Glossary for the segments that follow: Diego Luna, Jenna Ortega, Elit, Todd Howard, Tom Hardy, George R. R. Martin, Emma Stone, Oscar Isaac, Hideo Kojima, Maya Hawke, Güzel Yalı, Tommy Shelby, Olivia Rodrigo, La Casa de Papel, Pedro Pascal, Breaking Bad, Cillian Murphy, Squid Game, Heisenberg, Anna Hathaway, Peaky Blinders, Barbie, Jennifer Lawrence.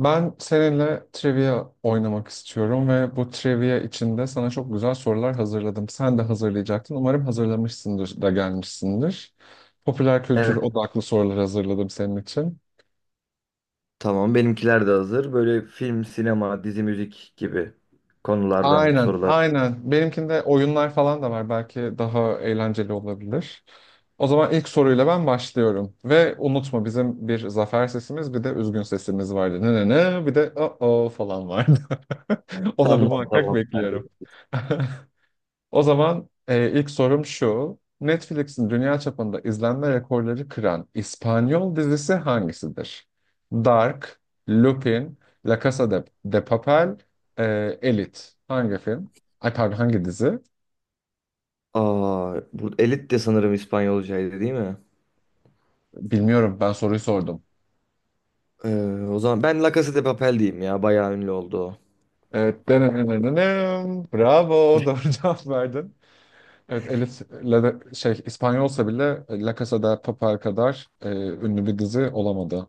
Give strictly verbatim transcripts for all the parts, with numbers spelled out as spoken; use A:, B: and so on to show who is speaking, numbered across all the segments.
A: Ben seninle trivia oynamak istiyorum ve bu trivia içinde sana çok güzel sorular hazırladım. Sen de hazırlayacaktın. Umarım hazırlamışsındır da gelmişsindir. Popüler kültür
B: Evet,
A: odaklı sorular hazırladım senin için.
B: tamam. Benimkiler de hazır. Böyle film, sinema, dizi, müzik gibi konulardan
A: Aynen,
B: sorular.
A: aynen. Benimkinde oyunlar falan da var. Belki daha eğlenceli olabilir. O zaman ilk soruyla ben başlıyorum. Ve unutma bizim bir zafer sesimiz bir de üzgün sesimiz vardı. Ne ne ne bir de o o falan vardı. Onları
B: Tamam,
A: muhakkak
B: tamam.
A: bekliyorum. O zaman e, ilk sorum şu. Netflix'in dünya çapında izlenme rekorları kıran İspanyol dizisi hangisidir? Dark, Lupin, La Casa de, de Papel, e, Elite. Hangi film? Ay pardon hangi dizi?
B: Aa, bu Elit de sanırım İspanyolcaydı, değil mi?
A: Bilmiyorum ben soruyu sordum.
B: Ee, O zaman ben La Casa de Papel diyeyim ya. Bayağı ünlü oldu o.
A: Evet. Denenenenem. Bravo, doğru cevap verdin. Evet, Elite La de- şey İspanyolsa bile e, La Casa de Papel kadar e, ünlü bir dizi olamadı.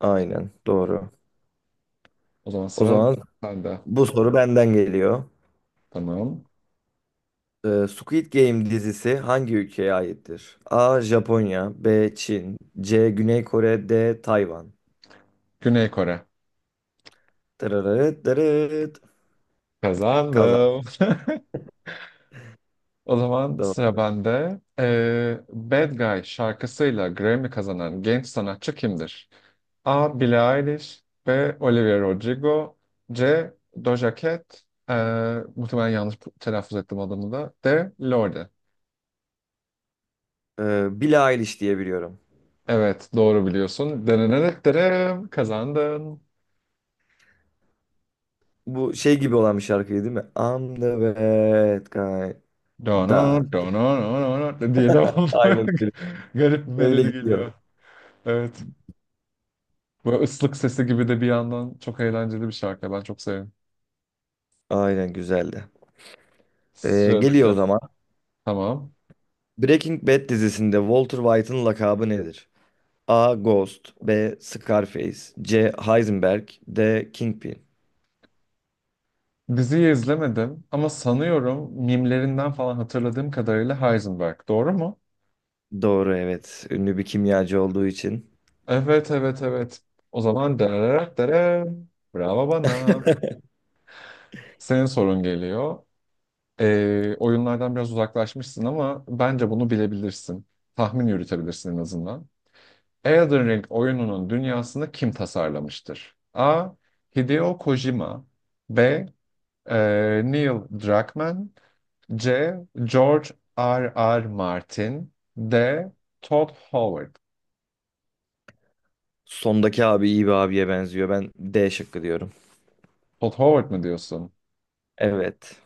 B: Aynen, doğru.
A: O zaman
B: O
A: sıra
B: zaman
A: bende.
B: bu soru benden geliyor.
A: Tamam.
B: Ee, Squid Game dizisi hangi ülkeye aittir? A. Japonya, B. Çin, C. Güney Kore, D. Tayvan.
A: Güney Kore.
B: Tırırıt tırıt. Kazan.
A: Kazandım. O zaman sıra
B: Doğru.
A: bende. Ee, Bad Guy şarkısıyla Grammy kazanan genç sanatçı kimdir? A. Billie Eilish, B. Olivia Rodrigo, C. Doja Cat, ee, muhtemelen yanlış telaffuz ettim adını da. D. Lorde.
B: Ee, Billie Eilish diye biliyorum.
A: Evet, doğru biliyorsun. Denenenetlere kazandın.
B: Bu şey gibi olan bir şarkıydı, değil mi? I'm the bad guy.
A: Dono,
B: Da, da.
A: dono, dono, dono diye devam.
B: Aynen öyle.
A: Garip bir
B: Öyle
A: melodi
B: gidiyor.
A: geliyor. Evet. Böyle ıslık sesi gibi de bir yandan çok eğlenceli bir şarkı. Ben çok seviyorum.
B: Aynen, güzeldi. Ee, geliyor
A: Sıradaki.
B: o zaman.
A: Tamam.
B: Breaking Bad dizisinde Walter White'ın lakabı nedir? A. Ghost, B. Scarface, C. Heisenberg, D. Kingpin.
A: Diziyi izlemedim ama sanıyorum mimlerinden falan hatırladığım kadarıyla Heisenberg. Doğru mu?
B: Doğru, evet. Ünlü bir kimyacı olduğu için.
A: Evet, evet, evet. O zaman dararar dararım. Bravo bana. Senin sorun geliyor. Ee, oyunlardan biraz uzaklaşmışsın ama bence bunu bilebilirsin. Tahmin yürütebilirsin en azından. Elden Ring oyununun dünyasını kim tasarlamıştır? A. Hideo Kojima, B. Ee, Neil Druckmann, C. George R. R. Martin, D. Todd Howard.
B: Sondaki abi iyi bir abiye benziyor. Ben D şıkkı diyorum.
A: Todd Howard mı diyorsun?
B: Evet.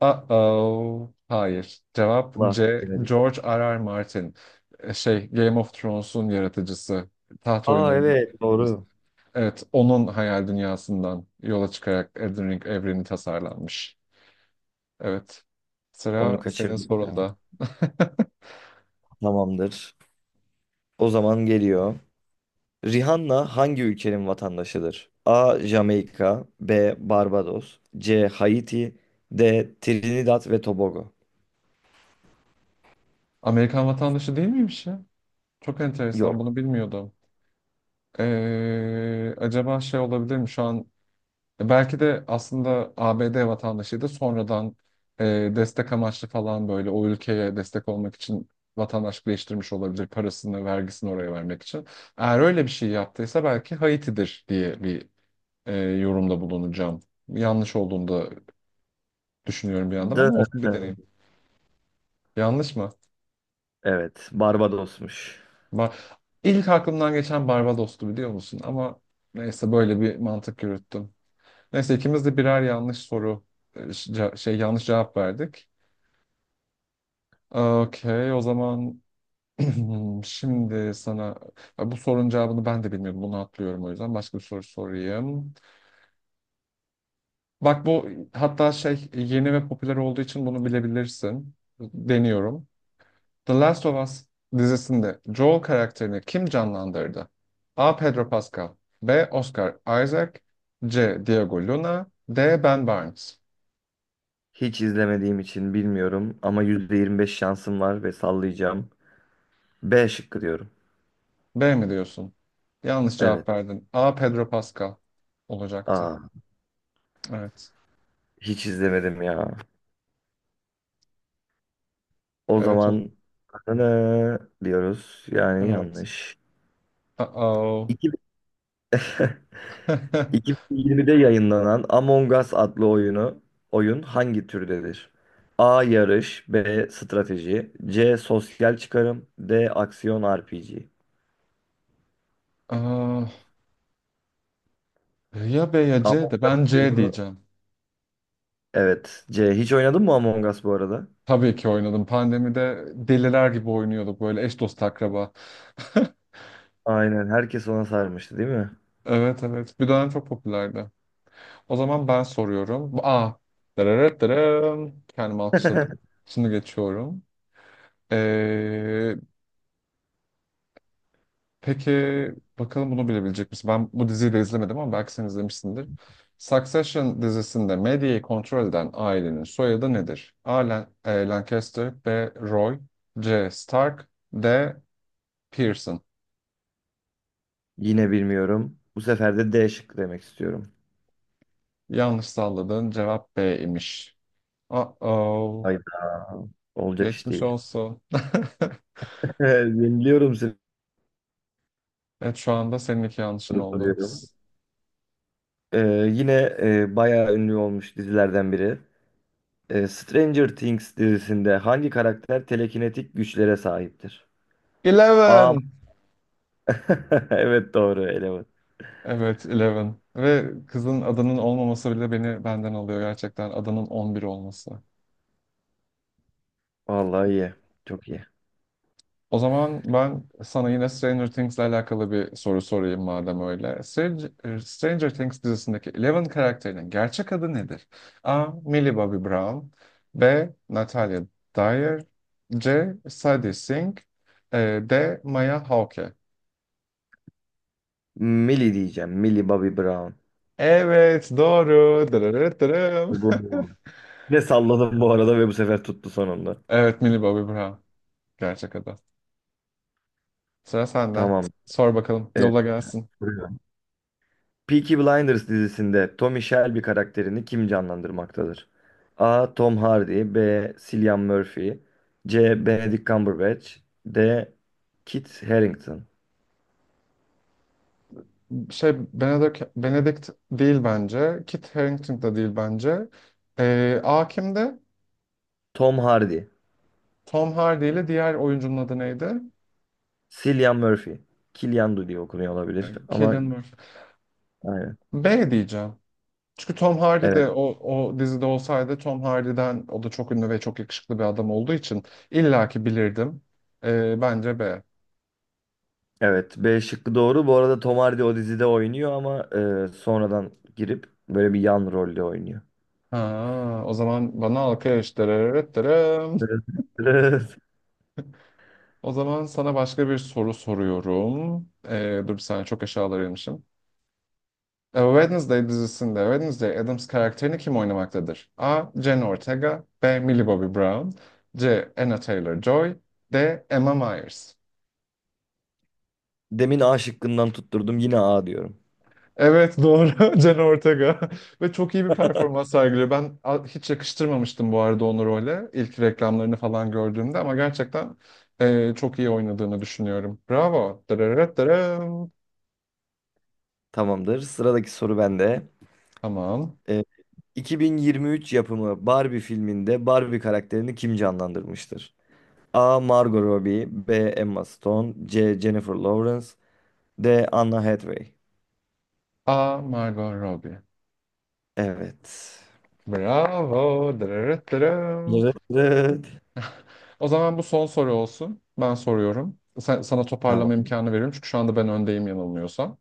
A: Uh-oh. Hayır. Cevap
B: Allah,
A: C.
B: bilemedik.
A: George R. R. Martin. Ee, Şey, Game of Thrones'un yaratıcısı. Taht
B: Aa,
A: oyunlarının
B: evet,
A: yaratıcısı.
B: doğru.
A: Evet, onun hayal dünyasından yola çıkarak Elden Ring evreni tasarlanmış. Evet.
B: Onu
A: Sıra senin
B: kaçırdık ya.
A: sorunda.
B: Tamamdır. O zaman geliyor. Rihanna hangi ülkenin vatandaşıdır? A. Jamaika, B. Barbados, C. Haiti, D. Trinidad ve Tobago.
A: Amerikan vatandaşı değil miymiş ya? Çok enteresan,
B: Yok.
A: bunu bilmiyordum. Ee, acaba şey olabilir mi şu an? e, Belki de aslında A B D vatandaşıydı. Sonradan e, destek amaçlı falan böyle o ülkeye destek olmak için vatandaşlık değiştirmiş olabilir. Parasını, vergisini oraya vermek için. Eğer öyle bir şey yaptıysa belki Haiti'dir diye bir e, yorumda bulunacağım. Yanlış olduğunu da düşünüyorum bir yandan
B: D.
A: ama olsun bir deneyim. Yanlış mı?
B: Evet, Barbados'muş.
A: Ba- İlk aklımdan geçen Barbados'tu, biliyor musun? Ama neyse böyle bir mantık yürüttüm. Neyse ikimiz de birer yanlış soru e, ce- şey yanlış cevap verdik. Okey, o zaman şimdi sana bu sorunun cevabını ben de bilmiyorum. Bunu atlıyorum, o yüzden başka bir soru sorayım. Bak, bu hatta şey yeni ve popüler olduğu için bunu bilebilirsin. Deniyorum. The Last of Us dizisinde Joel karakterini kim canlandırdı? A. Pedro Pascal, B. Oscar Isaac, C. Diego Luna, D. Ben Barnes.
B: Hiç izlemediğim için bilmiyorum ama yüzde yirmi beş şansım var ve sallayacağım. B şıkkı diyorum.
A: B mi diyorsun? Yanlış cevap
B: Evet.
A: verdin. A. Pedro Pascal olacaktı.
B: Aa,
A: Evet.
B: hiç izlemedim ya. O
A: Evet. o-
B: zaman ne diyoruz? Yani
A: Evet.
B: yanlış.
A: Uh-oh.
B: iki bin yirmide yayınlanan Among Us adlı oyunu oyun hangi türdedir? A. Yarış, B. Strateji, C. Sosyal çıkarım, D. Aksiyon R P G.
A: Ah, ya B ya C,
B: Among
A: de ben C
B: Us'u-
A: diyeceğim.
B: Evet. C. Hiç oynadın mı Among Us bu arada?
A: Tabii ki oynadım. Pandemide deliler gibi oynuyorduk böyle, eş dost akraba.
B: Aynen. Herkes ona sarmıştı, değil mi?
A: Evet, evet. Bir dönem çok popülerdi. O zaman ben soruyorum. A. Dararararam. Kendimi alkışladım. Şimdi geçiyorum. Ee, Peki bakalım bunu bilebilecek misin? Ben bu diziyi de izlemedim ama belki sen izlemişsindir. Succession dizisinde medyayı kontrol eden ailenin soyadı nedir? A. Lan- e, Lancaster, B. Roy, C. Stark, D. Pearson.
B: Yine bilmiyorum. Bu sefer de D şıkkı demek istiyorum.
A: Yanlış salladığın cevap B imiş. Uh-oh.
B: Hayda. Olacak iş
A: Geçmiş
B: değil.
A: olsun.
B: Yeniliyorum seni.
A: Evet, şu anda senin iki yanlışın
B: Soru
A: oldu.
B: soruyorum. Ee, yine e, bayağı ünlü olmuş dizilerden biri. E, Stranger Things dizisinde hangi karakter telekinetik güçlere sahiptir? A.
A: Eleven.
B: Evet, doğru eleman.
A: Evet, Eleven. Ve kızın adının olmaması bile beni benden alıyor gerçekten. Adının on bir olması.
B: Vallahi iyi. Çok iyi.
A: O zaman ben sana yine Stranger Things'le alakalı bir soru sorayım madem öyle. Stranger, Stranger Things dizisindeki Eleven karakterinin gerçek adı nedir? A. Millie Bobby Brown, B. Natalia Dyer, C. Sadie Sink, e, D. Maya Hawke.
B: Millie diyeceğim. Millie Bobby Brown.
A: Evet doğru. Dırırır dırım.
B: Bu- Ne salladım bu arada ve bu sefer tuttu sonunda.
A: Evet, Millie Bobby Brown gerçek adı. Sıra sende.
B: Tamam.
A: Sor bakalım,
B: E,
A: yolla gelsin.
B: Duruyor. Peaky Blinders dizisinde Tommy Shelby karakterini kim canlandırmaktadır? A. Tom Hardy, B. Cillian Murphy, C. Benedict Cumberbatch, D. Kit Harington.
A: şey Benedict, Benedict değil bence. Kit Harington da değil bence. Ee, A kimdi?
B: Tom Hardy.
A: Tom Hardy ile diğer oyuncunun adı neydi?
B: Cillian Murphy. Killian'dı diye okunuyor olabilir
A: Ee,
B: ama
A: Cillian Murphy.
B: aynen.
A: B diyeceğim. Çünkü Tom Hardy de
B: Evet,
A: o, o dizide olsaydı, Tom Hardy'den, o da çok ünlü ve çok yakışıklı bir adam olduğu için illaki bilirdim. Ee, bence B.
B: evet. B şıkkı doğru. Bu arada Tom Hardy o dizide oynuyor ama e, sonradan girip böyle bir yan rolde oynuyor.
A: Ha, o zaman bana alkış. Dırırırt dırım.
B: Evet. Evet.
A: O zaman sana başka bir soru soruyorum. Ee, dur bir saniye, çok aşağılara inmişim. A Wednesday dizisinde Wednesday Addams karakterini kim oynamaktadır? A. Jenna Ortega, B. Millie Bobby Brown, C. Anna Taylor-Joy, D. Emma Myers.
B: Demin A şıkkından tutturdum. Yine A diyorum.
A: Evet doğru. Jenna Ortega ve çok iyi bir performans sergiliyor. Ben a- hiç yakıştırmamıştım bu arada onu role ilk reklamlarını falan gördüğümde ama gerçekten e, çok iyi oynadığını düşünüyorum. Bravo. Dırırırt dırım.
B: Tamamdır. Sıradaki soru bende.
A: Tamam.
B: E, iki bin yirmi üç yapımı Barbie filminde Barbie karakterini kim canlandırmıştır? A. Margot Robbie, B. Emma Stone, C. Jennifer Lawrence, D. Anna Hathaway.
A: A. Margot Robbie.
B: Evet.
A: Bravo. Dırırırt dırım.
B: Evet. Evet.
A: O zaman bu son soru olsun. Ben soruyorum. Sen- sana toparlama
B: Tamam.
A: imkanı veriyorum. Çünkü şu anda ben öndeyim yanılmıyorsam.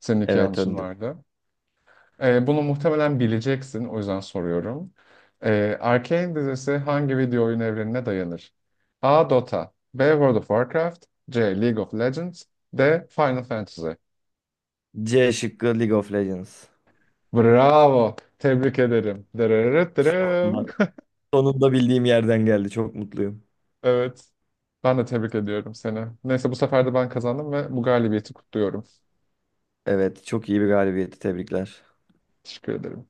A: Senin iki
B: Evet,
A: yanlışın
B: önde.
A: vardı. Ee, bunu muhtemelen bileceksin. O yüzden soruyorum. Ee, Arcane dizisi hangi video oyun evrenine dayanır? A. Dota, B. World of Warcraft, C. League of Legends, D. Final Fantasy.
B: C şıkkı, League of Legends.
A: Bravo. Tebrik ederim. Dırırırırım.
B: Ama sonunda bildiğim yerden geldi. Çok mutluyum.
A: Evet. Ben de tebrik ediyorum seni. Neyse, bu sefer de ben kazandım ve bu galibiyeti kutluyorum.
B: Evet, çok iyi bir galibiyeti. Tebrikler.
A: Teşekkür ederim.